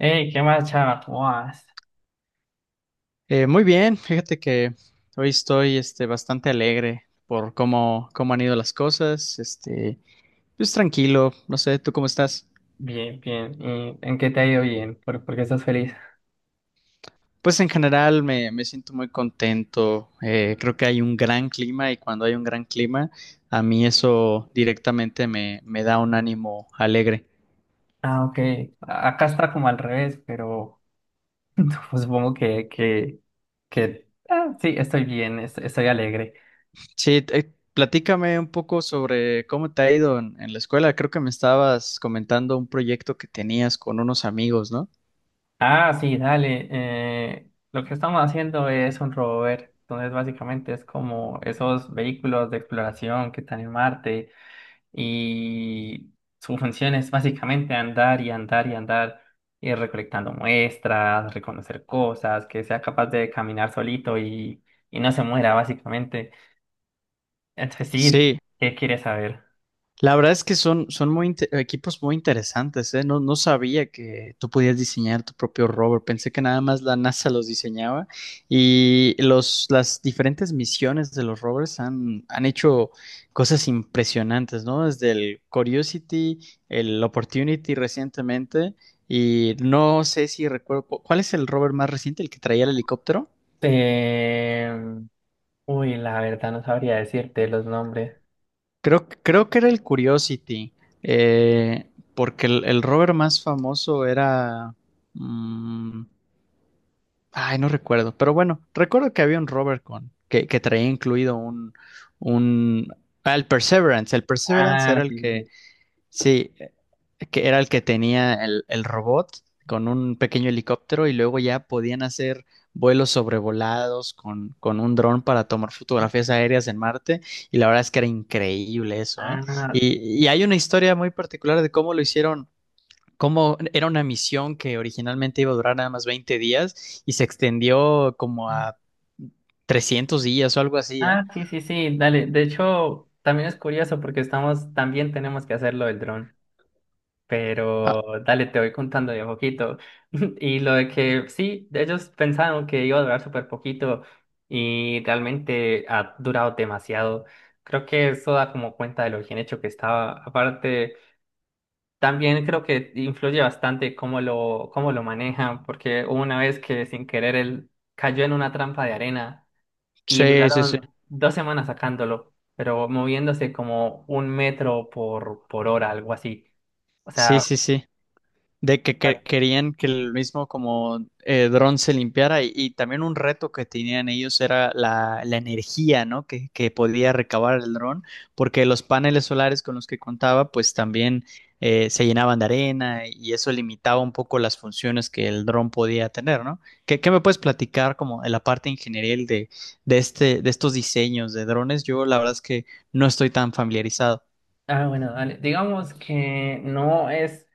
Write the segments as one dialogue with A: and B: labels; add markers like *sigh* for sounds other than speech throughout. A: Hey, ¿qué más, chava? ¿Cómo vas?
B: Muy bien, fíjate que hoy estoy bastante alegre por cómo han ido las cosas, pues tranquilo, no sé, ¿tú cómo estás?
A: Bien, bien. ¿Y en qué te ha ido bien? ¿Por qué estás feliz?
B: Pues en general me siento muy contento, creo que hay un gran clima y cuando hay un gran clima, a mí eso directamente me da un ánimo alegre.
A: Ah, ok. Acá está como al revés, pero *laughs* supongo que, sí, estoy bien, estoy alegre.
B: Sí, platícame un poco sobre cómo te ha ido en la escuela, creo que me estabas comentando un proyecto que tenías con unos amigos, ¿no?
A: Ah, sí, dale. Lo que estamos haciendo es un rover. Entonces, básicamente es como esos vehículos de exploración que están en Marte y su función es básicamente andar y andar y andar, ir recolectando muestras, reconocer cosas, que sea capaz de caminar solito y no se muera, básicamente. Entonces, sí,
B: Sí.
A: ¿qué quieres saber?
B: La verdad es que son muy equipos muy interesantes, ¿eh? No, no sabía que tú podías diseñar tu propio rover. Pensé que nada más la NASA los diseñaba y las diferentes misiones de los rovers han hecho cosas impresionantes, ¿no? Desde el Curiosity, el Opportunity recientemente y no sé si recuerdo, ¿cuál es el rover más reciente, el que traía el helicóptero?
A: Eh, uy, la verdad no sabría decirte los nombres.
B: Creo que era el Curiosity, eh, porque el rover más famoso era mm, ay, no recuerdo, pero bueno, recuerdo que había un rover que traía incluido un... el Perseverance
A: Ah,
B: era el
A: sí, sí,
B: que.
A: sí.
B: Sí, que era el que tenía el robot con un pequeño helicóptero y luego ya podían hacer vuelos sobrevolados con un dron para tomar fotografías aéreas en Marte y la verdad es que era increíble eso, ¿eh?
A: Ah.
B: Y hay una historia muy particular de cómo lo hicieron. Cómo era una misión que originalmente iba a durar nada más 20 días y se extendió como a 300 días o algo así, ¿eh?
A: Ah, sí, sí, sí, dale. De hecho, también es curioso porque estamos, también tenemos que hacerlo lo del dron.
B: Ah,
A: Pero dale, te voy contando de a poquito. *laughs* Y lo de que sí, ellos pensaron que iba a durar súper poquito y realmente ha durado demasiado. Creo que eso da como cuenta de lo bien hecho que estaba. Aparte, también creo que influye bastante cómo lo manejan, porque hubo una vez que sin querer él cayó en una trampa de arena y
B: sí, sí, sí.
A: duraron dos semanas sacándolo, pero moviéndose como un metro por hora, algo así. O
B: Sí,
A: sea,
B: sí, sí. De querían que el mismo como dron se limpiara y también un reto que tenían ellos era la energía, ¿no? Que podía recabar el dron, porque los paneles solares con los que contaba pues también se llenaban de arena y eso limitaba un poco las funciones que el dron podía tener, ¿no? ¿Qué me puedes platicar como en la parte ingenieril de estos diseños de drones? Yo la verdad es que no estoy tan familiarizado.
A: ah, bueno, dale. Digamos que no es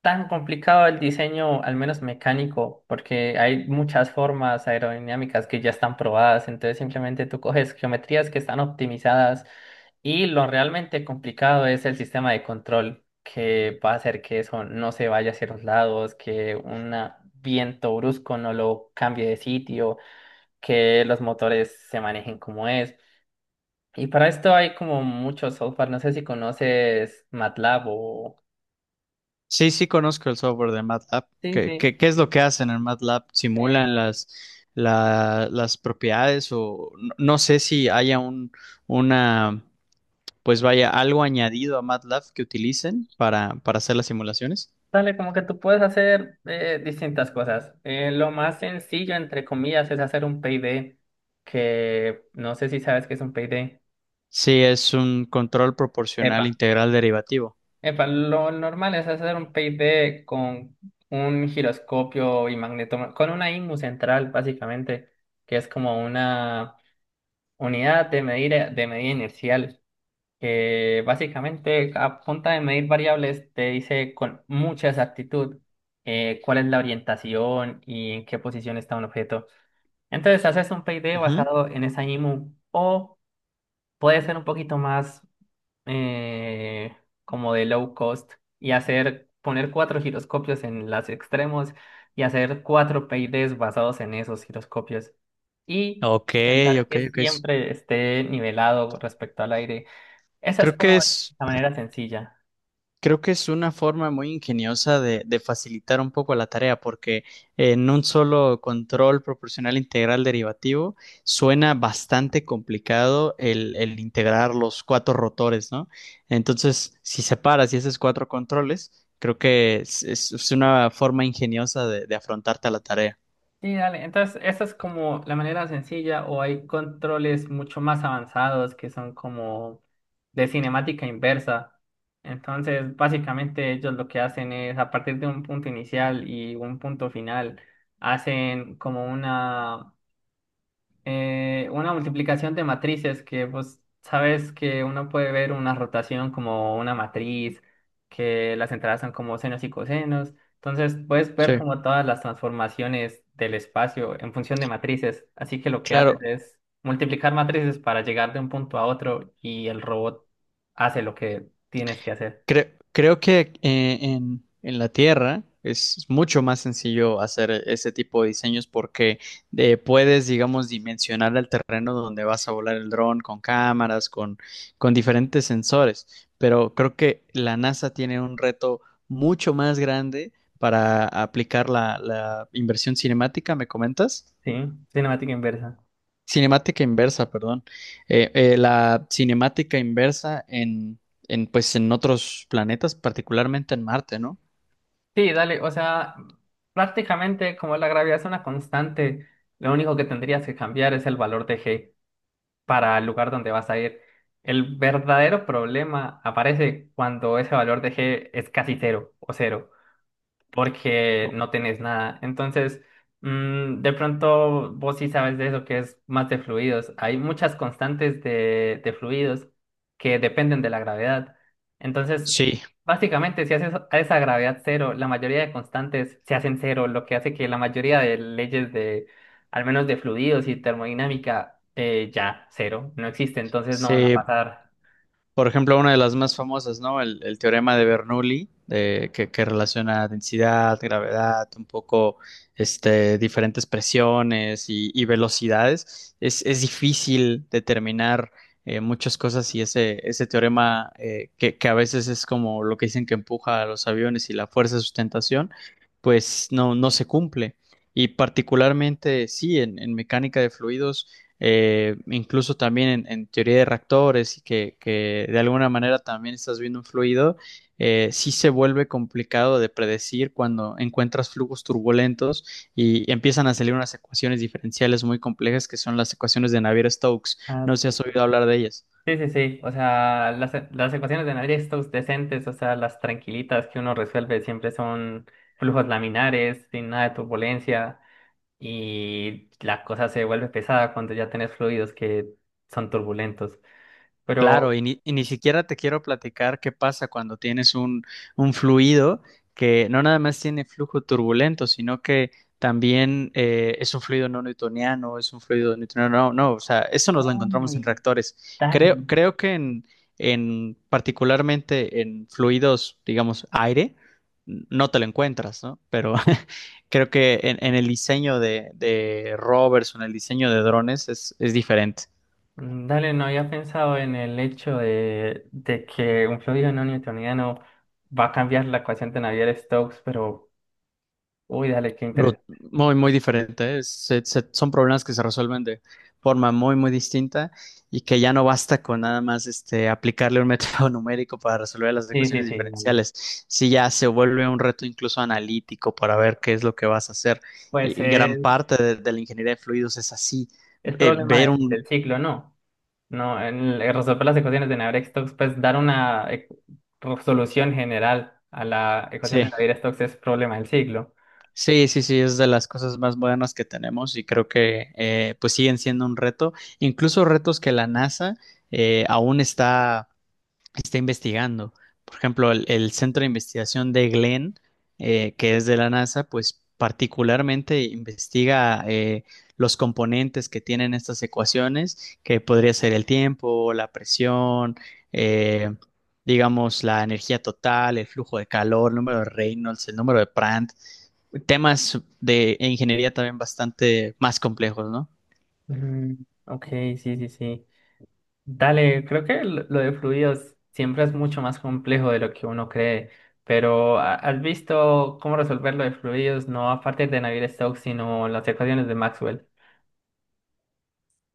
A: tan complicado el diseño, al menos mecánico, porque hay muchas formas aerodinámicas que ya están probadas, entonces simplemente tú coges geometrías que están optimizadas y lo realmente complicado es el sistema de control que va a hacer que eso no se vaya hacia los lados, que un viento brusco no lo cambie de sitio, que los motores se manejen como es. Y para esto hay como mucho software, no sé si conoces MATLAB o...
B: Sí, sí conozco el software de MATLAB.
A: Sí, sí.
B: ¿Qué es lo que hacen en MATLAB?
A: Eh,
B: ¿Simulan las propiedades o no sé si haya una, pues vaya, algo añadido a MATLAB que utilicen para hacer las simulaciones?
A: Dale, como que tú puedes hacer distintas cosas. Lo más sencillo, entre comillas, es hacer un payday, que no sé si sabes qué es un payday.
B: Sí, es un control proporcional
A: Epa,
B: integral derivativo.
A: epa, lo normal es hacer un payday con un giroscopio y magneto, con una IMU central, básicamente, que es como una unidad de medida inercial. Que básicamente a punta de medir variables te dice con mucha exactitud cuál es la orientación y en qué posición está un objeto. Entonces haces un PID
B: Ujú.
A: basado en esa IMU o puede ser un poquito más eh, como de low cost y hacer poner cuatro giroscopios en los extremos y hacer cuatro PIDs basados en esos giroscopios y
B: Ok,
A: intentar
B: ok,
A: que
B: ok.
A: siempre esté nivelado respecto al aire. Esa es
B: Creo que
A: como
B: es
A: la manera sencilla.
B: Creo que es una forma muy ingeniosa de facilitar un poco la tarea, porque en un solo control proporcional integral derivativo suena bastante complicado el integrar los 4 rotores, ¿no? Entonces, si separas y haces 4 controles, creo que es una forma ingeniosa de afrontarte a la tarea.
A: Sí, dale. Entonces, esa es como la manera sencilla o hay controles mucho más avanzados que son como de cinemática inversa. Entonces, básicamente ellos lo que hacen es, a partir de un punto inicial y un punto final, hacen como una multiplicación de matrices, que vos sabes que uno puede ver una rotación como una matriz, que las entradas son como senos y cosenos. Entonces puedes ver
B: Sí.
A: como todas las transformaciones del espacio en función de matrices. Así que lo que haces
B: Claro.
A: es multiplicar matrices para llegar de un punto a otro y el robot hace lo que tienes que hacer.
B: Creo, creo que en la Tierra es mucho más sencillo hacer ese tipo de diseños porque puedes, digamos, dimensionar el terreno donde vas a volar el dron con cámaras, con diferentes sensores. Pero creo que la NASA tiene un reto mucho más grande para aplicar la inversión cinemática, ¿me comentas?
A: Sí, cinemática inversa.
B: Cinemática inversa, perdón. La cinemática inversa pues, en otros planetas, particularmente en Marte, ¿no?
A: Sí, dale, o sea, prácticamente como la gravedad es una constante, lo único que tendrías que cambiar es el valor de g para el lugar donde vas a ir. El verdadero problema aparece cuando ese valor de g es casi cero o cero porque
B: Oh,
A: no tenés nada. Entonces, mm, de pronto vos sí sabes de eso que es más de fluidos. Hay muchas constantes de fluidos que dependen de la gravedad. Entonces,
B: sí,
A: básicamente, si haces a esa gravedad cero, la mayoría de constantes se hacen cero, lo que hace que la mayoría de leyes de, al menos de fluidos y termodinámica, ya cero, no existe, entonces no van a
B: sí.
A: pasar.
B: Por ejemplo, una de las más famosas, ¿no? El teorema de Bernoulli, que relaciona densidad, gravedad, un poco diferentes presiones y velocidades. Es difícil determinar muchas cosas y ese teorema que a veces es como lo que dicen que empuja a los aviones y la fuerza de sustentación, pues no se cumple. Y particularmente, sí, en mecánica de fluidos incluso también en teoría de reactores, y que de alguna manera también estás viendo un fluido, sí se vuelve complicado de predecir cuando encuentras flujos turbulentos y empiezan a salir unas ecuaciones diferenciales muy complejas que son las ecuaciones de Navier-Stokes.
A: Ah,
B: No sé si
A: sí,
B: has
A: sí.
B: oído hablar de ellas.
A: Sí, sí, sí. O sea, las ecuaciones de Navier-Stokes decentes, o sea, las tranquilitas que uno resuelve siempre son flujos laminares, sin nada de turbulencia, y la cosa se vuelve pesada cuando ya tenés fluidos que son turbulentos. Pero,
B: Claro, y ni siquiera te quiero platicar qué pasa cuando tienes un fluido que no nada más tiene flujo turbulento, sino que también es un fluido no newtoniano, es un fluido newtoniano, no, no, o sea, eso nos lo encontramos en
A: hombre,
B: reactores.
A: dale.
B: Creo que en particularmente en fluidos, digamos, aire, no te lo encuentras, ¿no? Pero *laughs* creo que en el diseño de rovers o en el diseño de drones es diferente.
A: Mm, dale, no había pensado en el hecho de que un fluido no newtoniano va a cambiar la ecuación de Navier-Stokes, pero, uy, dale, qué
B: Bru-
A: interesante.
B: muy, muy diferente. ¿Eh? Son problemas que se resuelven de forma muy, muy distinta y que ya no basta con nada más aplicarle un método *laughs* numérico para resolver las
A: Sí, sí,
B: ecuaciones
A: sí, dale.
B: diferenciales. Si ya se vuelve un reto incluso analítico para ver qué es lo que vas a hacer.
A: Pues
B: Y gran
A: es.
B: parte de la ingeniería de fluidos es así.
A: Es
B: Eh,
A: problema
B: ver un...
A: del ciclo, ¿no? No, resolver las ecuaciones de Navier-Stokes, pues dar una solución general a la ecuación de
B: Sí,
A: Navier-Stokes es problema del ciclo.
B: sí, sí, sí, es de las cosas más modernas que tenemos y creo que pues siguen siendo un reto, incluso retos que la NASA aún está está investigando. Por ejemplo, el Centro de Investigación de Glenn, que es de la NASA, pues particularmente investiga los componentes que tienen estas ecuaciones, que podría ser el tiempo, la presión, eh, digamos, la energía total, el flujo de calor, el número de Reynolds, el número de Prandtl, temas de ingeniería también bastante más complejos, ¿no?
A: Mm, ok, sí, sí, sí. Dale, creo que lo de fluidos siempre es mucho más complejo de lo que uno cree, pero has visto cómo resolver lo de fluidos no a partir de Navier-Stokes, sino las ecuaciones de Maxwell?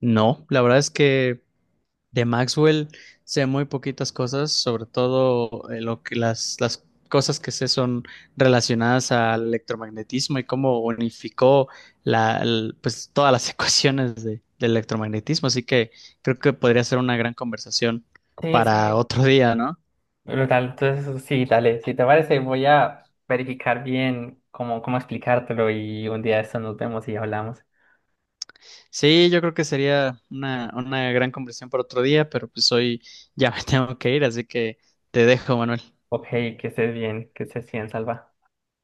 B: No, la verdad es que de Maxwell sé muy poquitas cosas, sobre todo lo que las cosas que sé son relacionadas al electromagnetismo y cómo unificó pues, todas las *laughs* ecuaciones del electromagnetismo. Así que creo que podría ser una gran conversación
A: Sí,
B: para
A: sí,
B: otro día, ¿no?
A: brutal. Entonces, sí, dale. Si te parece, voy a verificar bien cómo explicártelo y un día de esto nos vemos y hablamos.
B: Sí, yo creo que sería una gran conversación para otro día, pero pues hoy ya me *laughs* tengo que ir, así que te dejo, Manuel.
A: Ok, que estés bien, Salva.